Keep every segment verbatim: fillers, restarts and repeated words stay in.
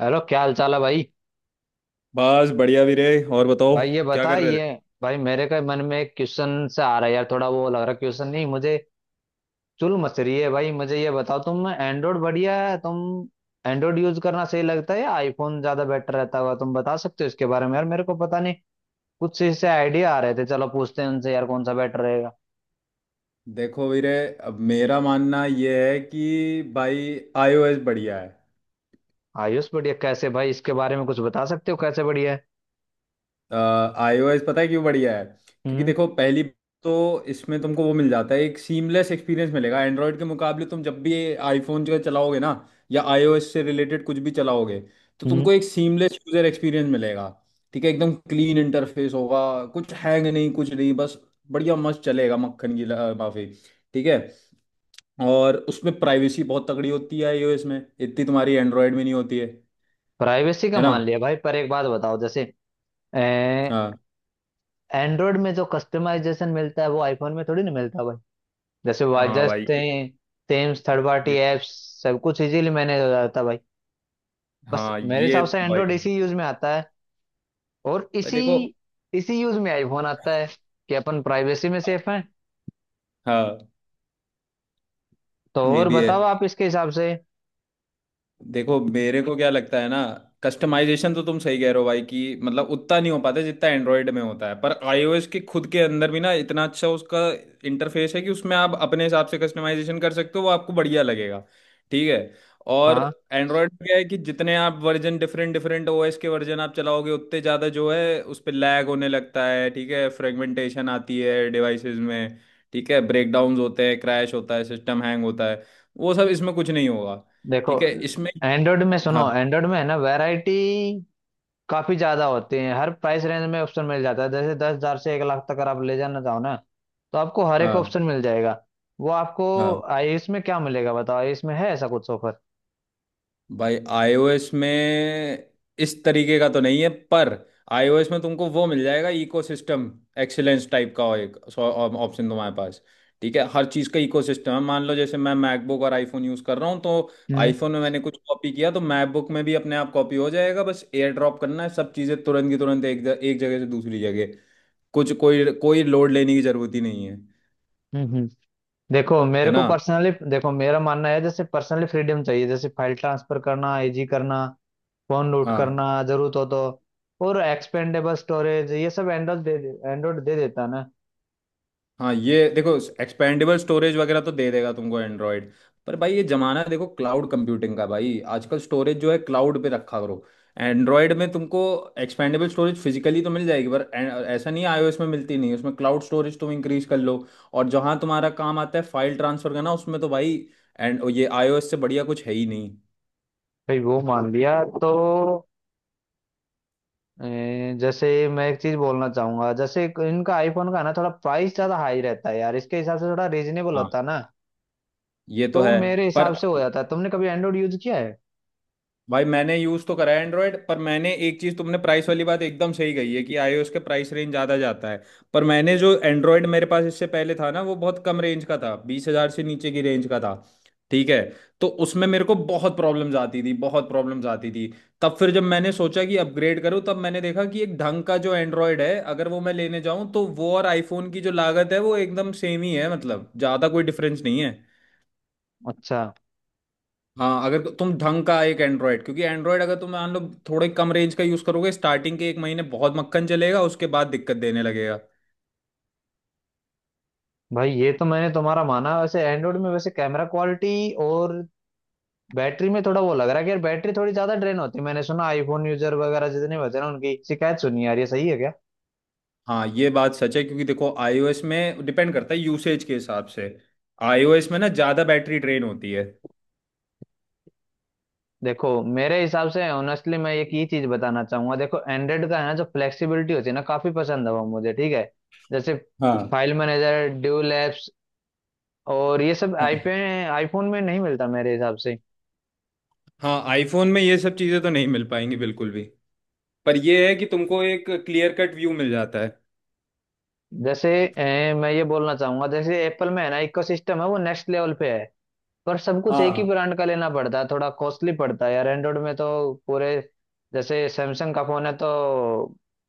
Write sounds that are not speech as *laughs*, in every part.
Hello, क्या हाल चाल है भाई? बस बढ़िया वीरे। और बताओ भाई ये क्या बता कर रहे ये थे? भाई मेरे का मन में एक क्वेश्चन से आ रहा है यार। थोड़ा वो लग रहा है, क्वेश्चन नहीं मुझे, चुल मच रही है भाई। मुझे ये बताओ, तुम एंड्रॉइड बढ़िया है? तुम एंड्रॉइड यूज करना सही लगता है या आईफोन ज्यादा बेटर रहता हुआ? तुम बता सकते हो इसके बारे में यार? मेरे को पता नहीं, कुछ इससे आइडिया आ रहे थे। चलो पूछते हैं उनसे यार, कौन सा बेटर रहेगा। देखो वीरे, अब मेरा मानना ये है कि भाई आईओएस बढ़िया है। आयुष बढ़िया कैसे भाई? इसके बारे में कुछ बता सकते हो, कैसे बढ़िया है? आईओएस पता है क्यों बढ़िया है? क्योंकि हम्म। देखो पहली तो इसमें तुमको वो मिल जाता है, एक सीमलेस एक्सपीरियंस मिलेगा एंड्रॉयड के मुकाबले। तुम जब भी आईफोन जो चलाओगे ना या आईओएस से रिलेटेड कुछ भी चलाओगे तो हम्म। तुमको एक सीमलेस यूजर एक्सपीरियंस मिलेगा। ठीक है, एकदम क्लीन इंटरफेस होगा, कुछ हैंग नहीं, कुछ नहीं, बस बढ़िया मस्त चलेगा मक्खन की ल- माफी। ठीक है। और उसमें प्राइवेसी बहुत तगड़ी होती है iOS में, इतनी तुम्हारी एंड्रॉयड में नहीं होती है। है प्राइवेसी का ना। मान लिया भाई, पर एक बात बताओ। जैसे हाँ। एंड्रॉयड में जो कस्टमाइजेशन मिलता है वो आईफोन में थोड़ी ना मिलता भाई। जैसे हाँ वाजस्ट, भाई ये, थेम्स, थर्ड पार्टी ये एप्स, सब कुछ इजीली मैनेज हो जाता भाई। बस हाँ मेरे ये हिसाब से तो भाई। एंड्रॉयड इसी यूज में आता है और भाई इसी देखो। इसी यूज में आईफोन आता है, कि अपन प्राइवेसी में सेफ हैं। हाँ तो ये और भी है। बताओ आप इसके हिसाब से। देखो मेरे को क्या लगता है ना, कस्टमाइजेशन तो तुम सही कह रहे हो भाई कि मतलब उतना नहीं हो पाता जितना एंड्रॉयड में होता है, पर आईओएस के खुद के अंदर भी ना इतना अच्छा उसका इंटरफेस है कि उसमें आप अपने हिसाब से कस्टमाइजेशन कर सकते हो, वो आपको बढ़िया लगेगा। ठीक है। और हाँ एंड्रॉयड में क्या है कि जितने आप वर्जन डिफरेंट डिफरेंट ओएस के वर्जन आप चलाओगे उतने ज़्यादा जो है उस पर लैग होने लगता है। ठीक है, फ्रेगमेंटेशन आती है डिवाइसेस में। ठीक है, ब्रेकडाउन्स होते हैं, क्रैश होता है, सिस्टम हैंग होता है, वो सब इसमें कुछ नहीं होगा। देखो, ठीक है इसमें। एंड्रॉयड में सुनो, हाँ। एंड्रॉयड में है ना वैरायटी काफी ज्यादा होती है। हर प्राइस रेंज में ऑप्शन मिल जाता है। जैसे दस हजार से एक लाख तक अगर आप ले जाना चाहो ना, तो आपको हर एक हाँ। ऑप्शन मिल जाएगा वो आपको। हाँ आयुष में क्या मिलेगा बताओ, आयुष में है ऐसा कुछ ऑफर? भाई iOS में इस तरीके का तो नहीं है, पर iOS में तुमको वो मिल जाएगा इकोसिस्टम एक्सीलेंस टाइप का एक ऑप्शन तुम्हारे पास। ठीक है, हर चीज़ का इकोसिस्टम है। मान लो जैसे मैं मैकबुक और आईफोन यूज़ कर रहा हूँ तो हम्म। आईफोन में मैंने कुछ कॉपी किया तो मैकबुक में भी अपने आप कॉपी हो जाएगा, बस एयर ड्रॉप करना है। सब चीज़ें तुरंत की तुरंत एक, एक जगह से दूसरी जगह। कुछ कोई कोई लोड लेने की ज़रूरत ही नहीं है। हम्म। हम्म। देखो है मेरे को ना। पर्सनली, देखो मेरा मानना है जैसे पर्सनली फ्रीडम चाहिए। जैसे फाइल ट्रांसफर करना, इजी करना, फोन लूट हाँ। करना जरूरत हो तो, और एक्सपेंडेबल स्टोरेज, ये सब एंड्रॉइड दे एंड्रॉइड दे देता है ना। हाँ ये देखो, एक्सपेंडेबल स्टोरेज वगैरह तो दे देगा तुमको एंड्रॉयड, पर भाई ये जमाना है, देखो क्लाउड कंप्यूटिंग का भाई, आजकल स्टोरेज जो है क्लाउड पे रखा करो। एंड्रॉयड में तुमको एक्सपेंडेबल स्टोरेज फिजिकली तो मिल जाएगी पर ए- ऐसा नहीं आईओएस में मिलती नहीं, उसमें क्लाउड स्टोरेज तुम इंक्रीज कर लो। और जहां तुम्हारा काम आता है फाइल ट्रांसफर करना उसमें तो भाई एंड ये आईओएस से बढ़िया कुछ है ही नहीं। भाई वो मान लिया तो, ए, जैसे मैं एक चीज बोलना चाहूंगा, जैसे इनका आईफोन का ना थोड़ा प्राइस ज्यादा हाई रहता है यार, इसके हिसाब से थोड़ा रीजनेबल हाँ होता है ना। ये तो तो है, मेरे हिसाब पर से हो जाता है। तुमने कभी एंड्रॉइड यूज किया है? भाई मैंने यूज तो करा है एंड्रॉयड, पर मैंने एक चीज तुमने प्राइस वाली बात एकदम सही कही है कि आईओएस के प्राइस रेंज ज्यादा जाता है, पर मैंने जो एंड्रॉयड मेरे पास इससे पहले था ना वो बहुत कम रेंज का था, बीस हजार से नीचे की रेंज का था। ठीक है, तो उसमें मेरे को बहुत प्रॉब्लम्स आती थी, बहुत प्रॉब्लम्स आती थी। तब फिर जब मैंने सोचा कि अपग्रेड करूं तब मैंने देखा कि एक ढंग का जो एंड्रॉयड है अगर वो मैं लेने जाऊं तो वो और आईफोन की जो लागत है वो एकदम सेम ही है, मतलब ज्यादा कोई डिफरेंस नहीं है। अच्छा। हाँ, अगर तुम ढंग का एक एंड्रॉयड, क्योंकि एंड्रॉयड अगर तुम मान लो थोड़े कम रेंज का यूज़ करोगे स्टार्टिंग के एक महीने बहुत मक्खन चलेगा, उसके बाद दिक्कत देने लगेगा। भाई ये तो मैंने तुम्हारा माना। वैसे एंड्रॉइड में, वैसे कैमरा क्वालिटी और बैटरी में थोड़ा वो लग रहा है कि यार बैटरी थोड़ी ज्यादा ड्रेन होती है। मैंने सुना आईफोन यूजर वगैरह जितने बचे ना उनकी शिकायत सुनी यार, ये सही है क्या? हाँ ये बात सच है, क्योंकि देखो आईओएस में डिपेंड करता है यूसेज के हिसाब से। आईओएस में ना ज़्यादा बैटरी ड्रेन होती है। देखो मेरे हिसाब से ऑनेस्टली मैं एक ही चीज बताना चाहूंगा। देखो एंड्रॉइड का है ना जो फ्लेक्सिबिलिटी होती है ना, काफी पसंद है वो मुझे, ठीक है। जैसे हाँ। फाइल मैनेजर, ड्यूल एप्स और ये सब हाँ। आईपे, आईफोन में नहीं मिलता मेरे हिसाब से। हाँ आईफोन में ये सब चीज़ें तो नहीं मिल पाएंगी बिल्कुल भी, पर ये है कि तुमको एक क्लियर कट व्यू मिल जाता है। जैसे अ, मैं ये बोलना चाहूंगा। जैसे एप्पल में है ना इकोसिस्टम है वो नेक्स्ट लेवल पे है, पर सब कुछ एक ही हाँ। ब्रांड का लेना पड़ता है, थोड़ा कॉस्टली पड़ता है यार। एंड्रॉइड में तो पूरे, जैसे सैमसंग का फोन है तो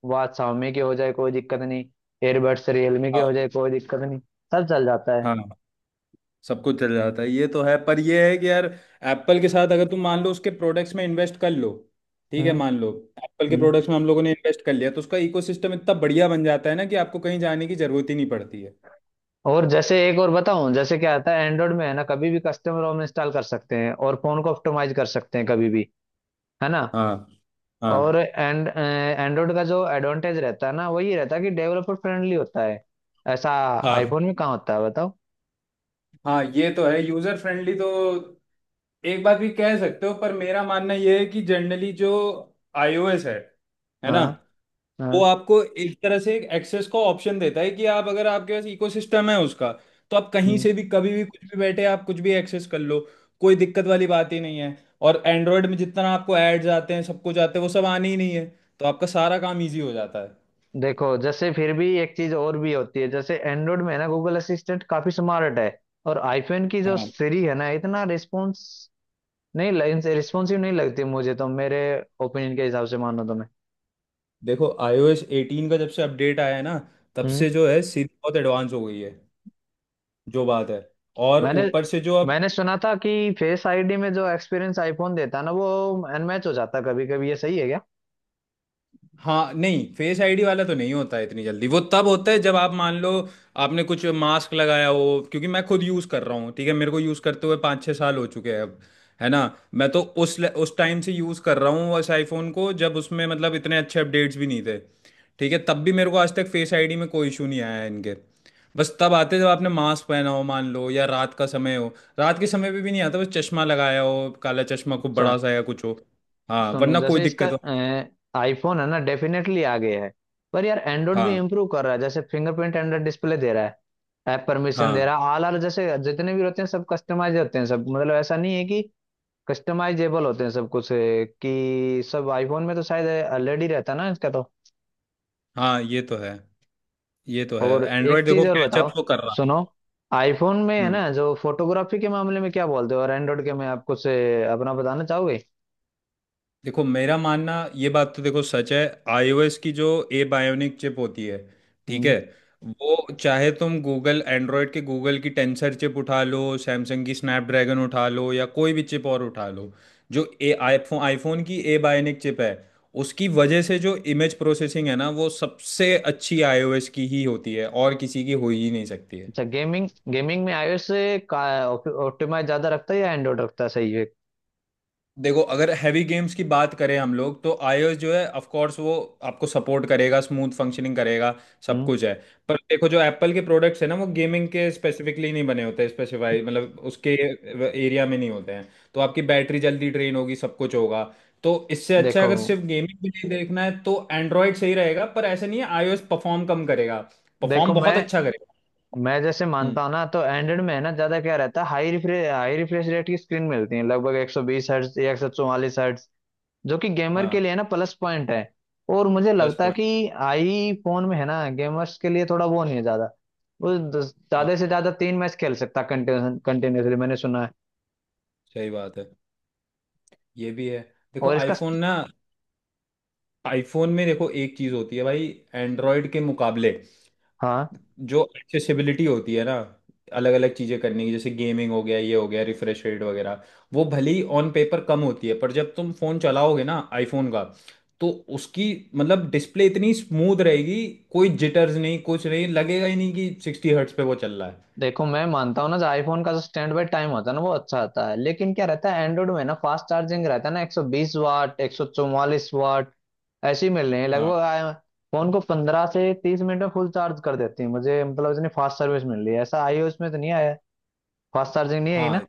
वह शाओमी के हो जाए कोई दिक्कत नहीं, एयरबड्स रियलमी के हो हाँ। जाए कोई दिक्कत नहीं, सब चल जाता है। हाँ सब कुछ चल जाता है, ये तो है, पर ये है कि यार एप्पल के साथ अगर तुम मान लो उसके प्रोडक्ट्स में इन्वेस्ट कर लो। ठीक है, हम्म। मान लो एप्पल के हम्म। प्रोडक्ट्स में हम लोगों ने इन्वेस्ट कर लिया तो उसका इकोसिस्टम इतना बढ़िया बन जाता है ना कि आपको कहीं जाने की जरूरत ही नहीं पड़ती है। और जैसे एक और बताऊं, जैसे क्या आता है एंड्रॉइड में है ना, कभी भी कस्टम रोम इंस्टॉल कर सकते हैं और फोन को ऑप्टिमाइज कर सकते हैं कभी भी, है ना। हाँ। और हाँ। एंड एंड्रॉइड का जो एडवांटेज रहता है ना वो ये रहता है कि डेवलपर फ्रेंडली होता है। ऐसा हाँ। आईफोन में कहाँ होता है बताओ? हाँ ये तो है यूजर फ्रेंडली तो एक बात भी कह सकते हो, पर मेरा मानना ये है कि जनरली जो आईओएस है है ना, हाँ। वो हाँ। आपको एक तरह से एक एक्सेस का ऑप्शन देता है कि आप अगर आपके पास इकोसिस्टम है उसका तो आप कहीं हम्म। से भी कभी भी कुछ भी बैठे आप कुछ भी एक्सेस कर लो। कोई दिक्कत वाली बात ही नहीं है। और एंड्रॉयड में जितना आपको एड्स आते हैं सब कुछ आते हैं वो सब आने ही नहीं है, तो आपका सारा काम इजी हो जाता है। देखो जैसे फिर भी एक चीज और भी होती है, जैसे एंड्रॉइड में है ना गूगल असिस्टेंट काफी स्मार्ट है, और आईफोन की जो हाँ सीरी है ना इतना रिस्पॉन्स नहीं, रिस्पॉन्सिव नहीं लगती मुझे तो, मेरे ओपिनियन के हिसाब से मानो तो मैं। देखो iOS एटीन का जब से अपडेट आया है ना तब हम्म। से जो है सीधी बहुत एडवांस हो गई है, जो बात है। और मैंने ऊपर से जो अब मैंने सुना था कि फेस आईडी में जो एक्सपीरियंस आईफोन देता है ना, वो अनमैच हो जाता कभी कभी, ये सही है क्या? हाँ, नहीं फेस आईडी वाला तो नहीं होता है इतनी जल्दी, वो तब होता है जब आप मान लो आपने कुछ मास्क लगाया हो। क्योंकि मैं खुद यूज़ कर रहा हूँ, ठीक है, मेरे को यूज़ करते हुए पाँच छः साल हो चुके हैं अब। है ना, मैं तो उस उस टाइम से यूज़ कर रहा हूँ उस आईफोन को जब उसमें मतलब इतने अच्छे अपडेट्स भी नहीं थे। ठीक है, तब भी मेरे को आज तक फेस आईडी में कोई इशू नहीं आया है इनके। बस तब आते हैं जब आपने मास्क पहना हो मान लो, या रात का समय हो। रात के समय पे भी नहीं आता, बस चश्मा लगाया हो, काला चश्मा खूब अच्छा। बड़ा सा या कुछ हो। हाँ सुनो वरना कोई जैसे इसका, दिक्कत हो। आईफोन है ना डेफिनेटली आगे है, पर यार एंड्रॉइड भी हाँ। इम्प्रूव कर रहा है। जैसे फिंगरप्रिंट एंड्रॉइड डिस्प्ले दे रहा है, ऐप परमिशन दे हाँ। रहा है, ऑल आर जैसे जितने भी होते हैं सब कस्टमाइज होते हैं सब, मतलब ऐसा नहीं है कि, कस्टमाइजेबल होते हैं सब कुछ, अ, कि सब आईफोन में तो शायद ऑलरेडी रहता है ना इसका तो। हाँ ये तो है, ये तो है, और एक एंड्रॉयड चीज देखो और बताओ, कैचअप तो कर रहा है। सुनो, आईफोन में है हम्म। ना जो फोटोग्राफी के मामले में क्या बोलते हो और एंड्रॉइड के में आप कुछ अ, अपना बताना चाहोगे? देखो मेरा मानना, ये बात तो देखो सच है, आईओएस की जो ए बायोनिक चिप होती है, ठीक है, वो चाहे तुम गूगल एंड्रॉयड के गूगल की टेंसर चिप उठा लो, सैमसंग की स्नैपड्रैगन उठा लो या कोई भी चिप और उठा लो, जो ए आईफोन आईफोन की ए बायोनिक चिप है उसकी वजह से जो इमेज प्रोसेसिंग है ना वो सबसे अच्छी आईओएस की ही होती है, और किसी की हो ही नहीं सकती है। अच्छा। गेमिंग, गेमिंग में iOS से का ऑप्टिमाइज ज्यादा रखता है या एंड्रॉइड रखता है, सही है? देखो अगर हैवी गेम्स की बात करें हम लोग तो iOS जो है ऑफ कोर्स वो आपको सपोर्ट करेगा, स्मूथ फंक्शनिंग करेगा, सब हम्म। कुछ है, पर देखो जो एप्पल के प्रोडक्ट्स है ना वो गेमिंग के स्पेसिफिकली नहीं बने होते, स्पेसिफाई मतलब उसके एरिया में नहीं होते हैं, तो आपकी बैटरी जल्दी ड्रेन होगी, सब कुछ होगा। तो इससे अच्छा अगर देखो सिर्फ गेमिंग के लिए देखना है तो एंड्रॉयड सही रहेगा, पर ऐसा नहीं है iOS परफॉर्म कम करेगा, देखो परफॉर्म मैं बहुत अच्छा करेगा। मैं जैसे हम्म। मानता हूँ ना, तो एंड्रॉइड में है ना ज्यादा क्या रहता है, high refresh high refresh rate की स्क्रीन मिलती है, लगभग एक सौ बीस हर्ट्ज या एक सौ चौवालीस हर्ट्ज, जो कि गेमर के लिए हाँ है ना प्लस पॉइंट है। और मुझे प्लस लगता है पॉइंट। कि आई फोन में है ना गेमर्स के लिए थोड़ा वो नहीं है ज्यादा। वो दस- हाँ ज्यादा से ज्यादा तीन मैच खेल सकता कंटिन्यूसली, मैंने सुना है। सही बात है, ये भी है। देखो और इसका, आईफोन ना, आईफोन में देखो एक चीज़ होती है भाई एंड्रॉयड के मुकाबले, हाँ जो एक्सेसिबिलिटी होती है ना अलग अलग चीज़ें करने की जैसे गेमिंग हो गया, ये हो गया, रिफ्रेश रेट वगैरह, वो भले ही ऑन पेपर कम होती है पर जब तुम फ़ोन चलाओगे ना आईफोन का तो उसकी मतलब डिस्प्ले इतनी स्मूथ रहेगी, कोई जिटर्स नहीं कुछ नहीं, लगेगा ही नहीं कि सिक्सटी हर्ट्स पे वो चल रहा है। देखो मैं मानता हूँ ना, जो आईफोन का जो स्टैंड बाय टाइम होता है ना वो अच्छा आता है। लेकिन क्या रहता है एंड्रॉइड में ना, फास्ट चार्जिंग रहता है ना, एक सौ बीस वाट, एक सौ चौवालीस वाट ऐसे ही मिल रहे हैं हाँ। लगभग। आ- फोन को पंद्रह से तीस मिनट में फुल चार्ज कर देती है मुझे, मतलब इतनी फास्ट सर्विस मिल रही है। ऐसा आईओएस में तो नहीं आया, फास्ट चार्जिंग नहीं आई ना। हाँ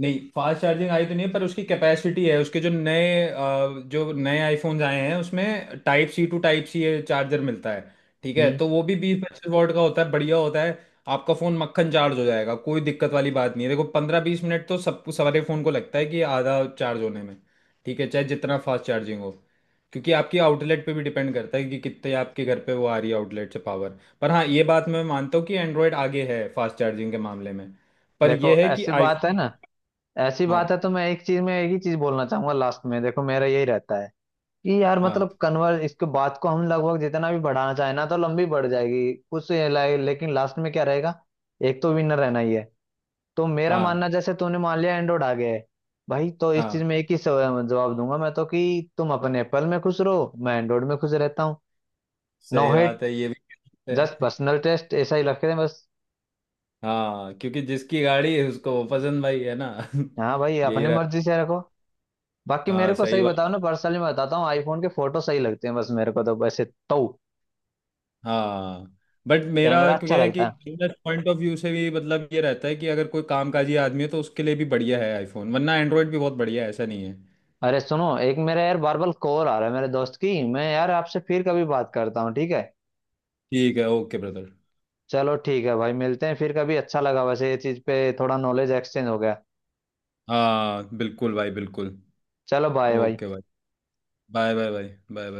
नहीं फास्ट चार्जिंग आई तो नहीं है, पर उसकी कैपेसिटी है उसके जो नए अ, जो नए आईफोन्स आए हैं उसमें type C to type C charger मिलता है। ठीक है, हम्म। तो वो भी बीस पच्चीस वॉट का होता है, बढ़िया होता है। आपका फ़ोन मक्खन चार्ज हो जाएगा, कोई दिक्कत वाली बात नहीं है। देखो पंद्रह बीस मिनट तो सबको सारे फ़ोन को लगता है कि आधा चार्ज होने में, ठीक है, चाहे जितना फास्ट चार्जिंग हो, क्योंकि आपकी आउटलेट पे भी डिपेंड करता है कि कितने आपके घर पे वो आ रही है आउटलेट से पावर, पर हाँ ये बात मैं मानता हूँ कि एंड्रॉयड आगे है फास्ट चार्जिंग के मामले में, पर देखो यह है कि ऐसी बात है आईफोन। ना, ऐसी बात है तो मैं एक चीज में एक ही चीज बोलना चाहूंगा लास्ट में। देखो मेरा यही रहता है कि यार हाँ। मतलब कन्वर्स इसके बात को हम लगभग जितना भी बढ़ाना चाहे ना तो लंबी बढ़ जाएगी कुछ ला- लेकिन लास्ट में क्या रहेगा, एक तो विनर रहना ही है। तो मेरा हाँ। मानना, जैसे तूने मान लिया एंड्रॉइड आ गया है भाई, तो इस चीज हाँ में एक ही सव- जवाब दूंगा मैं तो, कि तुम अपने एप्पल में खुश रहो, मैं एंड्रॉइड में खुश रहता हूँ। नो सही हेट, बात है ये भी *laughs* कह सकते जस्ट हैं। पर्सनल टेस्ट ऐसा ही रख रहे हैं बस। हाँ क्योंकि जिसकी गाड़ी है उसको वो पसंद भाई है ना हाँ भाई, *laughs* यही अपनी मर्जी रहता। से रखो। बाकी हाँ मेरे को सही सही बताओ बात। ना, पर्सनली मैं बताता हूँ आईफोन के फोटो सही लगते हैं बस मेरे को तो, वैसे तो हाँ। बट मेरा कैमरा अच्छा क्या है कि लगता है। बिजनेस पॉइंट ऑफ व्यू से भी मतलब ये रहता है कि अगर कोई कामकाजी आदमी है तो उसके लिए भी बढ़िया है आईफोन, वरना एंड्रॉयड भी बहुत बढ़िया है, ऐसा नहीं है। अरे सुनो, एक मेरा यार बार बार कॉल आ रहा है मेरे दोस्त की, मैं यार आपसे फिर कभी बात करता हूँ ठीक है? ठीक है ओके ब्रदर। चलो ठीक है भाई, मिलते हैं फिर कभी। अच्छा लगा वैसे, ये चीज पे थोड़ा नॉलेज एक्सचेंज हो गया। हाँ बिल्कुल भाई बिल्कुल। चलो बाय भाई। ओके भाई। Bye bye bye. Bye bye.